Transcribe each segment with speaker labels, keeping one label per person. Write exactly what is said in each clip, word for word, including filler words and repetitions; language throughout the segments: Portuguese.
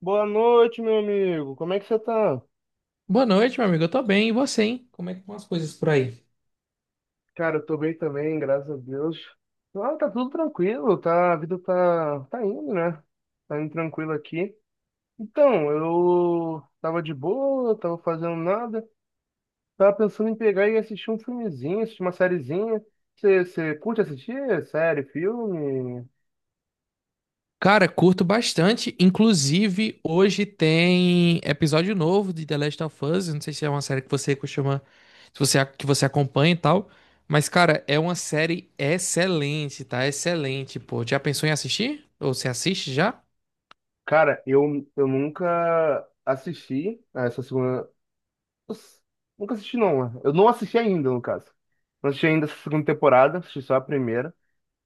Speaker 1: Boa noite, meu amigo. Como é que você tá?
Speaker 2: Boa noite, meu amigo. Eu tô bem, e você, hein? Como é que estão as coisas por aí?
Speaker 1: Cara, eu tô bem também, graças a Deus. Ah, tá tudo tranquilo, tá, a vida tá, tá indo, né? Tá indo tranquilo aqui. Então, eu tava de boa, tava fazendo nada. Tava pensando em pegar e assistir um filmezinho, assistir uma sériezinha. Você você curte assistir série, filme?
Speaker 2: Cara, curto bastante. Inclusive, hoje tem episódio novo de The Last of Us. Eu não sei se é uma série que você costuma, se você, que você acompanha e tal. Mas, cara, é uma série excelente, tá? Excelente, pô. Já pensou em assistir? Ou você assiste já?
Speaker 1: Cara, eu, eu nunca assisti a essa segunda. Nossa, nunca assisti, não, né? Eu não assisti ainda, no caso. Não assisti ainda essa segunda temporada, assisti só a primeira.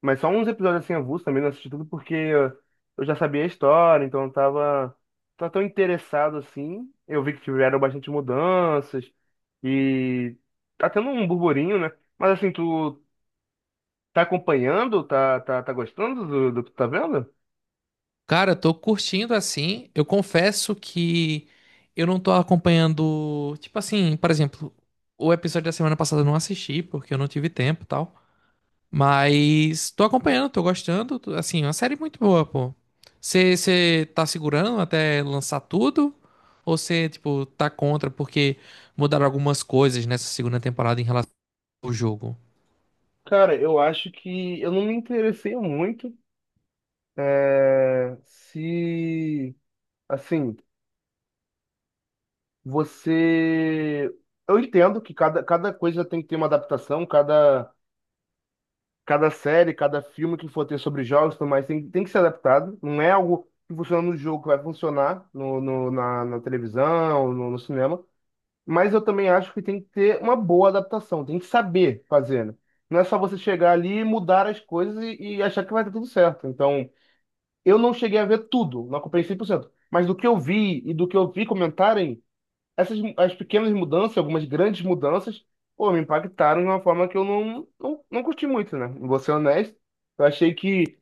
Speaker 1: Mas só uns episódios assim avulsos também, não assisti tudo porque eu já sabia a história, então eu tava, tava tão interessado assim. Eu vi que tiveram bastante mudanças e tá tendo um burburinho, né? Mas assim, tu tá acompanhando? Tá, tá, tá gostando do, do que tu tá vendo?
Speaker 2: Cara, tô curtindo assim. Eu confesso que eu não tô acompanhando. Tipo assim, por exemplo, o episódio da semana passada eu não assisti, porque eu não tive tempo e tal. Mas tô acompanhando, tô gostando. tô- Assim, é uma série muito boa, pô. Você tá segurando até lançar tudo? Ou você, tipo, tá contra porque mudaram algumas coisas nessa segunda temporada em relação ao jogo?
Speaker 1: Cara, eu acho que eu não me interessei muito. É, se. Assim. Você. Eu entendo que cada, cada coisa tem que ter uma adaptação, cada, cada série, cada filme que for ter sobre jogos e tudo mais tem, tem que ser adaptado. Não é algo que funciona no jogo que vai funcionar no, no- na, na televisão, no, no cinema. Mas eu também acho que tem que ter uma boa adaptação, tem que saber fazer, né? Não é só você chegar ali, mudar as coisas e, e achar que vai dar tudo certo. Então, eu não cheguei a ver tudo, não acompanhei cem por cento. Mas do que eu vi e do que eu vi comentarem essas as pequenas mudanças, algumas grandes mudanças, pô, me impactaram de uma forma que eu não, não, não curti muito, né? Vou ser honesto. Eu achei que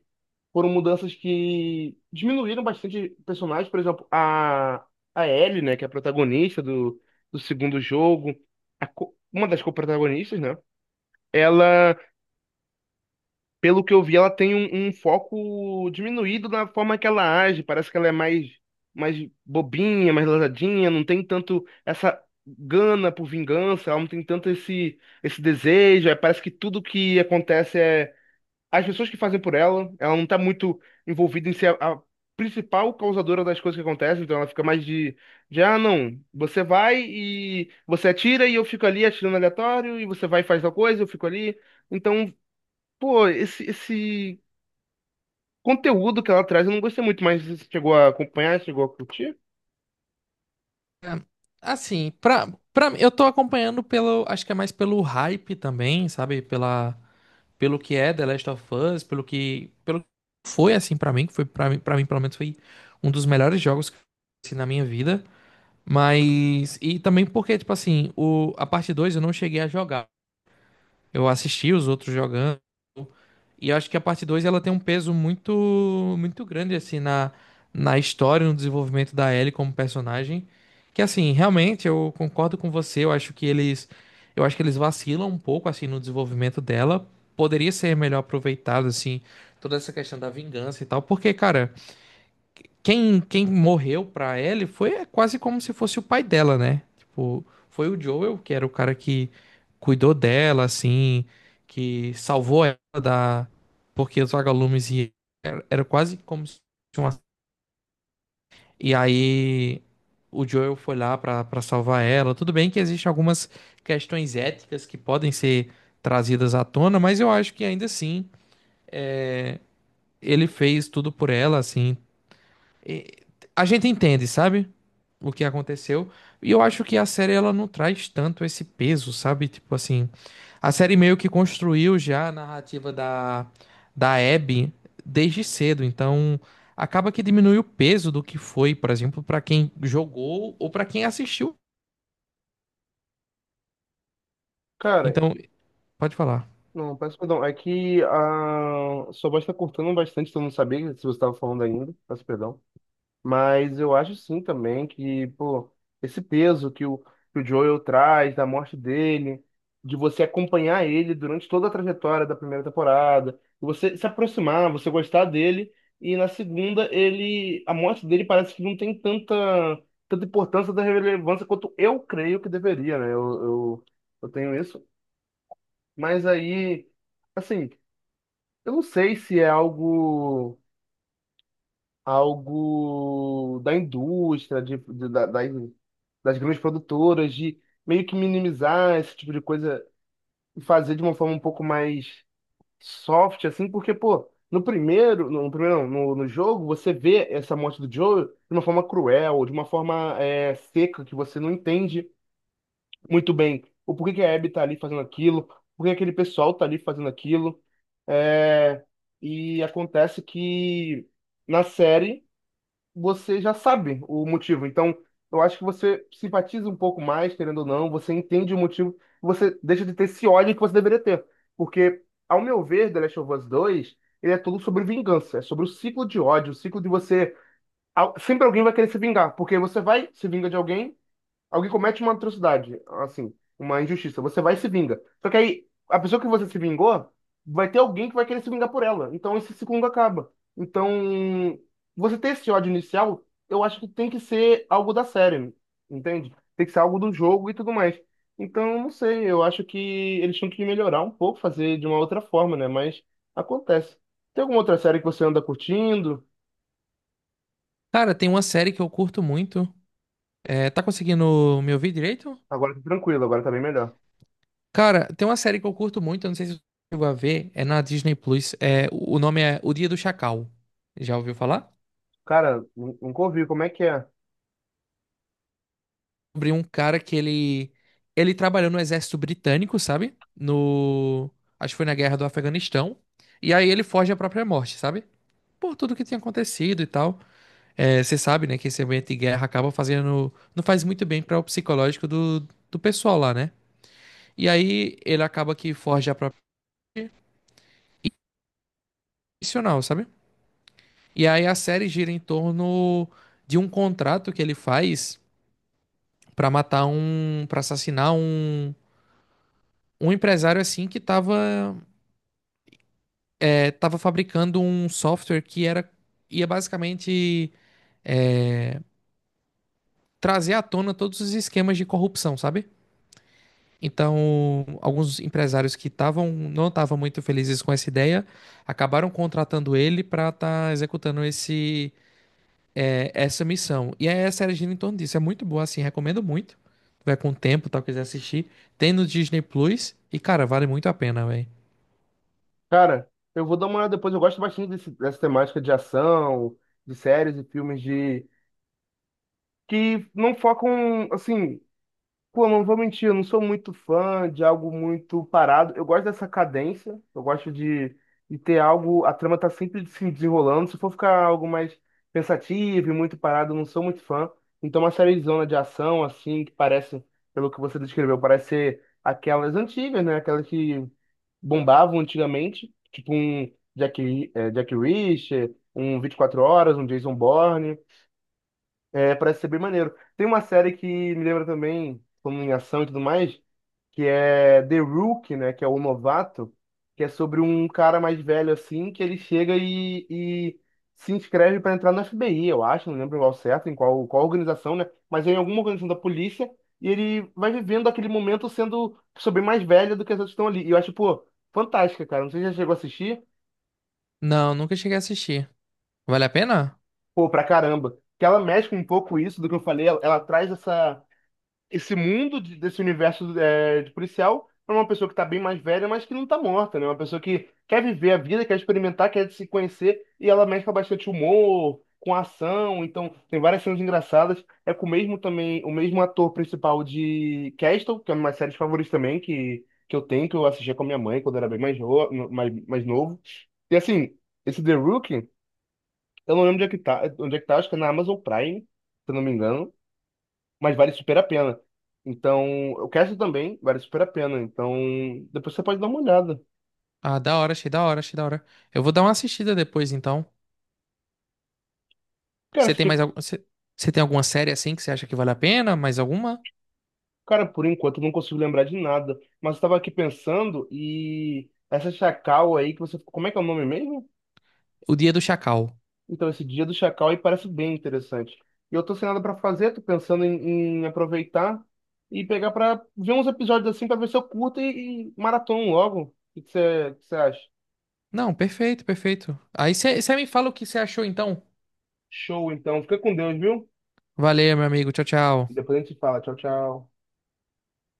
Speaker 1: foram mudanças que diminuíram bastante personagens, por exemplo, a, a Ellie, né, que é a protagonista do, do segundo jogo, a co- uma das co-protagonistas, né? Ela, pelo que eu vi, ela tem um, um foco diminuído na forma que ela age. Parece que ela é mais, mais bobinha, mais lesadinha, não tem tanto essa gana por vingança, ela não tem tanto esse, esse desejo. Aí parece que tudo que acontece é as pessoas que fazem por ela. Ela não tá muito envolvida em ser a, a principal causadora das coisas que acontecem, então ela fica mais de, de, ah, não, você vai e você atira e eu fico ali atirando aleatório, e você vai e faz tal coisa, eu fico ali. Então, pô, esse, esse conteúdo que ela traz eu não gostei muito, mas você chegou a acompanhar, chegou a curtir?
Speaker 2: Assim, pra, pra, mim, eu tô acompanhando pelo. Acho que é mais pelo hype também, sabe? Pela, pelo que é The Last of Us, pelo que. Pelo que foi assim pra mim, que foi pra mim, pra mim, pelo menos, foi um dos melhores jogos que eu conheci na minha vida. Mas. E também porque, tipo assim, o, a parte dois eu não cheguei a jogar. Eu assisti os outros jogando. E eu acho que a parte dois ela tem um peso muito, muito grande, assim, na, na história, no desenvolvimento da Ellie como personagem. Que, assim, realmente eu concordo com você. Eu acho que eles. Eu acho que eles vacilam um pouco, assim, no desenvolvimento dela. Poderia ser melhor aproveitado, assim, toda essa questão da vingança e tal. Porque, cara. Quem, quem morreu pra Ellie foi é quase como se fosse o pai dela, né? Tipo, foi o Joel, que era o cara que cuidou dela, assim, que salvou ela da... Porque os vagalumes e era, era quase como se fosse uma... E aí o Joel foi lá pra, pra salvar ela. Tudo bem que existem algumas questões éticas que podem ser trazidas à tona, mas eu acho que ainda assim é, ele fez tudo por ela, assim. E a gente entende, sabe? O que aconteceu. E eu acho que a série ela não traz tanto esse peso, sabe? Tipo assim, a série meio que construiu já a narrativa da da Abby desde cedo, então acaba que diminui o peso do que foi, por exemplo, pra quem jogou ou pra quem assistiu.
Speaker 1: Cara,
Speaker 2: Então, pode falar.
Speaker 1: não, peço perdão. É que a sua voz tá cortando bastante, então eu não sabia se você estava falando ainda. Peço perdão. Mas eu acho sim também que, pô, esse peso que o, que o Joel traz, da morte dele, de você acompanhar ele durante toda a trajetória da primeira temporada, você se aproximar, você gostar dele, e na segunda ele, a morte dele parece que não tem tanta, tanta importância, da relevância quanto eu creio que deveria, né? Eu, eu, eu tenho isso. Mas aí, assim, eu não sei se é algo, algo da indústria, de, de- da- das, das grandes produtoras, de meio que minimizar esse tipo de coisa e fazer de uma forma um pouco mais soft, assim, porque, pô, no primeiro, no, no primeiro não, no, no jogo, você vê essa morte do Joel de uma forma cruel, de uma forma é, seca, que você não entende muito bem o porquê que a Abby tá ali fazendo aquilo, por que aquele pessoal tá ali fazendo aquilo, é, e acontece que na série você já sabe o motivo. Então, eu acho que você simpatiza um pouco mais, querendo ou não, você entende o motivo, você deixa de ter esse ódio que você deveria ter. Porque, ao meu ver, The Last of Us dois, ele é tudo sobre vingança, é sobre o ciclo de ódio, o ciclo de você. Al- Sempre alguém vai querer se vingar, porque você vai, se vinga de alguém. Alguém comete uma atrocidade, assim, uma injustiça, você vai e se vinga. Só que aí, a pessoa que você se vingou, vai ter alguém que vai querer se vingar por ela. Então esse ciclo acaba. Então, você ter esse ódio inicial, eu acho que tem que ser algo da série, entende? Tem que ser algo do jogo e tudo mais. Então, não sei, eu acho que eles tinham que melhorar um pouco, fazer de uma outra forma, né? Mas acontece. Tem alguma outra série que você anda curtindo?
Speaker 2: Cara, tem uma série que eu curto muito. É, tá conseguindo me ouvir direito?
Speaker 1: Agora tá tranquilo, agora tá bem melhor.
Speaker 2: Cara, tem uma série que eu curto muito, eu não sei se você chegou a ver, é na Disney Plus. É, o o nome é O Dia do Chacal. Já ouviu falar?
Speaker 1: Cara, nun- nunca ouvi, como é que é?
Speaker 2: Sobre um cara que ele ele trabalhou no exército britânico, sabe? No Acho que foi na guerra do Afeganistão. E aí ele foge à própria morte, sabe? Por tudo que tinha acontecido e tal. É, você sabe, né, que esse ambiente de guerra acaba fazendo não faz muito bem para o psicológico do do pessoal lá, né? E aí ele acaba que foge à própria morte, e, sabe? E aí a série gira em torno de um contrato que ele faz pra matar um, Pra assassinar um, um empresário assim que tava, é, tava fabricando um software que era ia basicamente é, trazer à tona todos os esquemas de corrupção, sabe? Então, alguns empresários que estavam não estavam muito felizes com essa ideia acabaram contratando ele pra estar executando esse é, essa missão. E aí a série gira em torno disso. É muito boa, assim, recomendo muito. Vai com o tempo, tal, quiser assistir. Tem no Disney Plus. E, cara, vale muito a pena, velho.
Speaker 1: Cara, eu vou dar uma olhada depois. Eu gosto bastante desse- dessa temática de ação, de séries e filmes de que não focam, assim, pô, não vou mentir, eu não sou muito fã de algo muito parado. Eu gosto dessa cadência, eu gosto de, de ter algo, a trama tá sempre se desenrolando. Se for ficar algo mais pensativo e muito parado, eu não sou muito fã. Então, uma série de zona de ação, assim, que parece, pelo que você descreveu, parece ser aquelas antigas, né? Aquelas que bombavam antigamente, tipo um Jack, Ri- eh, Jack Reacher, um vinte e quatro Horas, um Jason Bourne. É, parece ser bem maneiro. Tem uma série que me lembra também, como em ação e tudo mais, que é The Rookie, né? Que é o novato, que é sobre um cara mais velho assim, que ele chega e, e se inscreve para entrar no F B I, eu acho, não lembro qual certo, em qual, qual organização, né? Mas é em alguma organização da polícia, e ele vai vivendo aquele momento sendo sobre mais velho do que as outras que estão ali. E eu acho, pô, fantástica, cara. Não sei se já chegou a assistir,
Speaker 2: Não, nunca cheguei a assistir. Vale a pena?
Speaker 1: pô, pra caramba. Que ela mexe com um pouco isso do que eu falei, ela, ela traz essa. Esse mundo de- desse universo é, de policial para uma pessoa que tá bem mais velha, mas que não tá morta, né? Uma pessoa que quer viver a vida, quer experimentar, quer se conhecer, e ela mexe com bastante humor, com ação, então tem várias cenas engraçadas. É com o mesmo também, o mesmo ator principal de Castle, que é uma série favorita também, que, que eu tenho, que eu assistia com a minha mãe quando era bem mais, no- mais, mais novo. E assim, esse The Rookie, eu não lembro onde é que tá, onde é que tá, acho que é na Amazon Prime, se eu não me engano, mas vale super a pena. Então, o cast também vale super a pena. Então, depois você pode dar uma olhada.
Speaker 2: Ah, da hora, achei da hora, achei da hora. Eu vou dar uma assistida depois, então.
Speaker 1: Cara,
Speaker 2: Você
Speaker 1: esse
Speaker 2: tem mais
Speaker 1: tipo-
Speaker 2: algum... Você você tem alguma série assim que você acha que vale a pena? Mais alguma?
Speaker 1: cara, por enquanto eu não consigo lembrar de nada, mas eu estava aqui pensando e essa Chacal aí que você, como é que é o nome mesmo?
Speaker 2: O Dia do Chacal.
Speaker 1: Então, esse Dia do Chacal aí parece bem interessante. E eu tô sem nada para fazer, tô pensando em, em aproveitar e pegar para ver uns episódios assim para ver se eu curto e, e maratona logo. O que que você, que você acha?
Speaker 2: Não, perfeito, perfeito. Aí você você me fala o que você achou, então.
Speaker 1: Show, então. Fica com Deus, viu?
Speaker 2: Valeu, meu amigo. Tchau, tchau.
Speaker 1: Depois a gente fala. Tchau, tchau.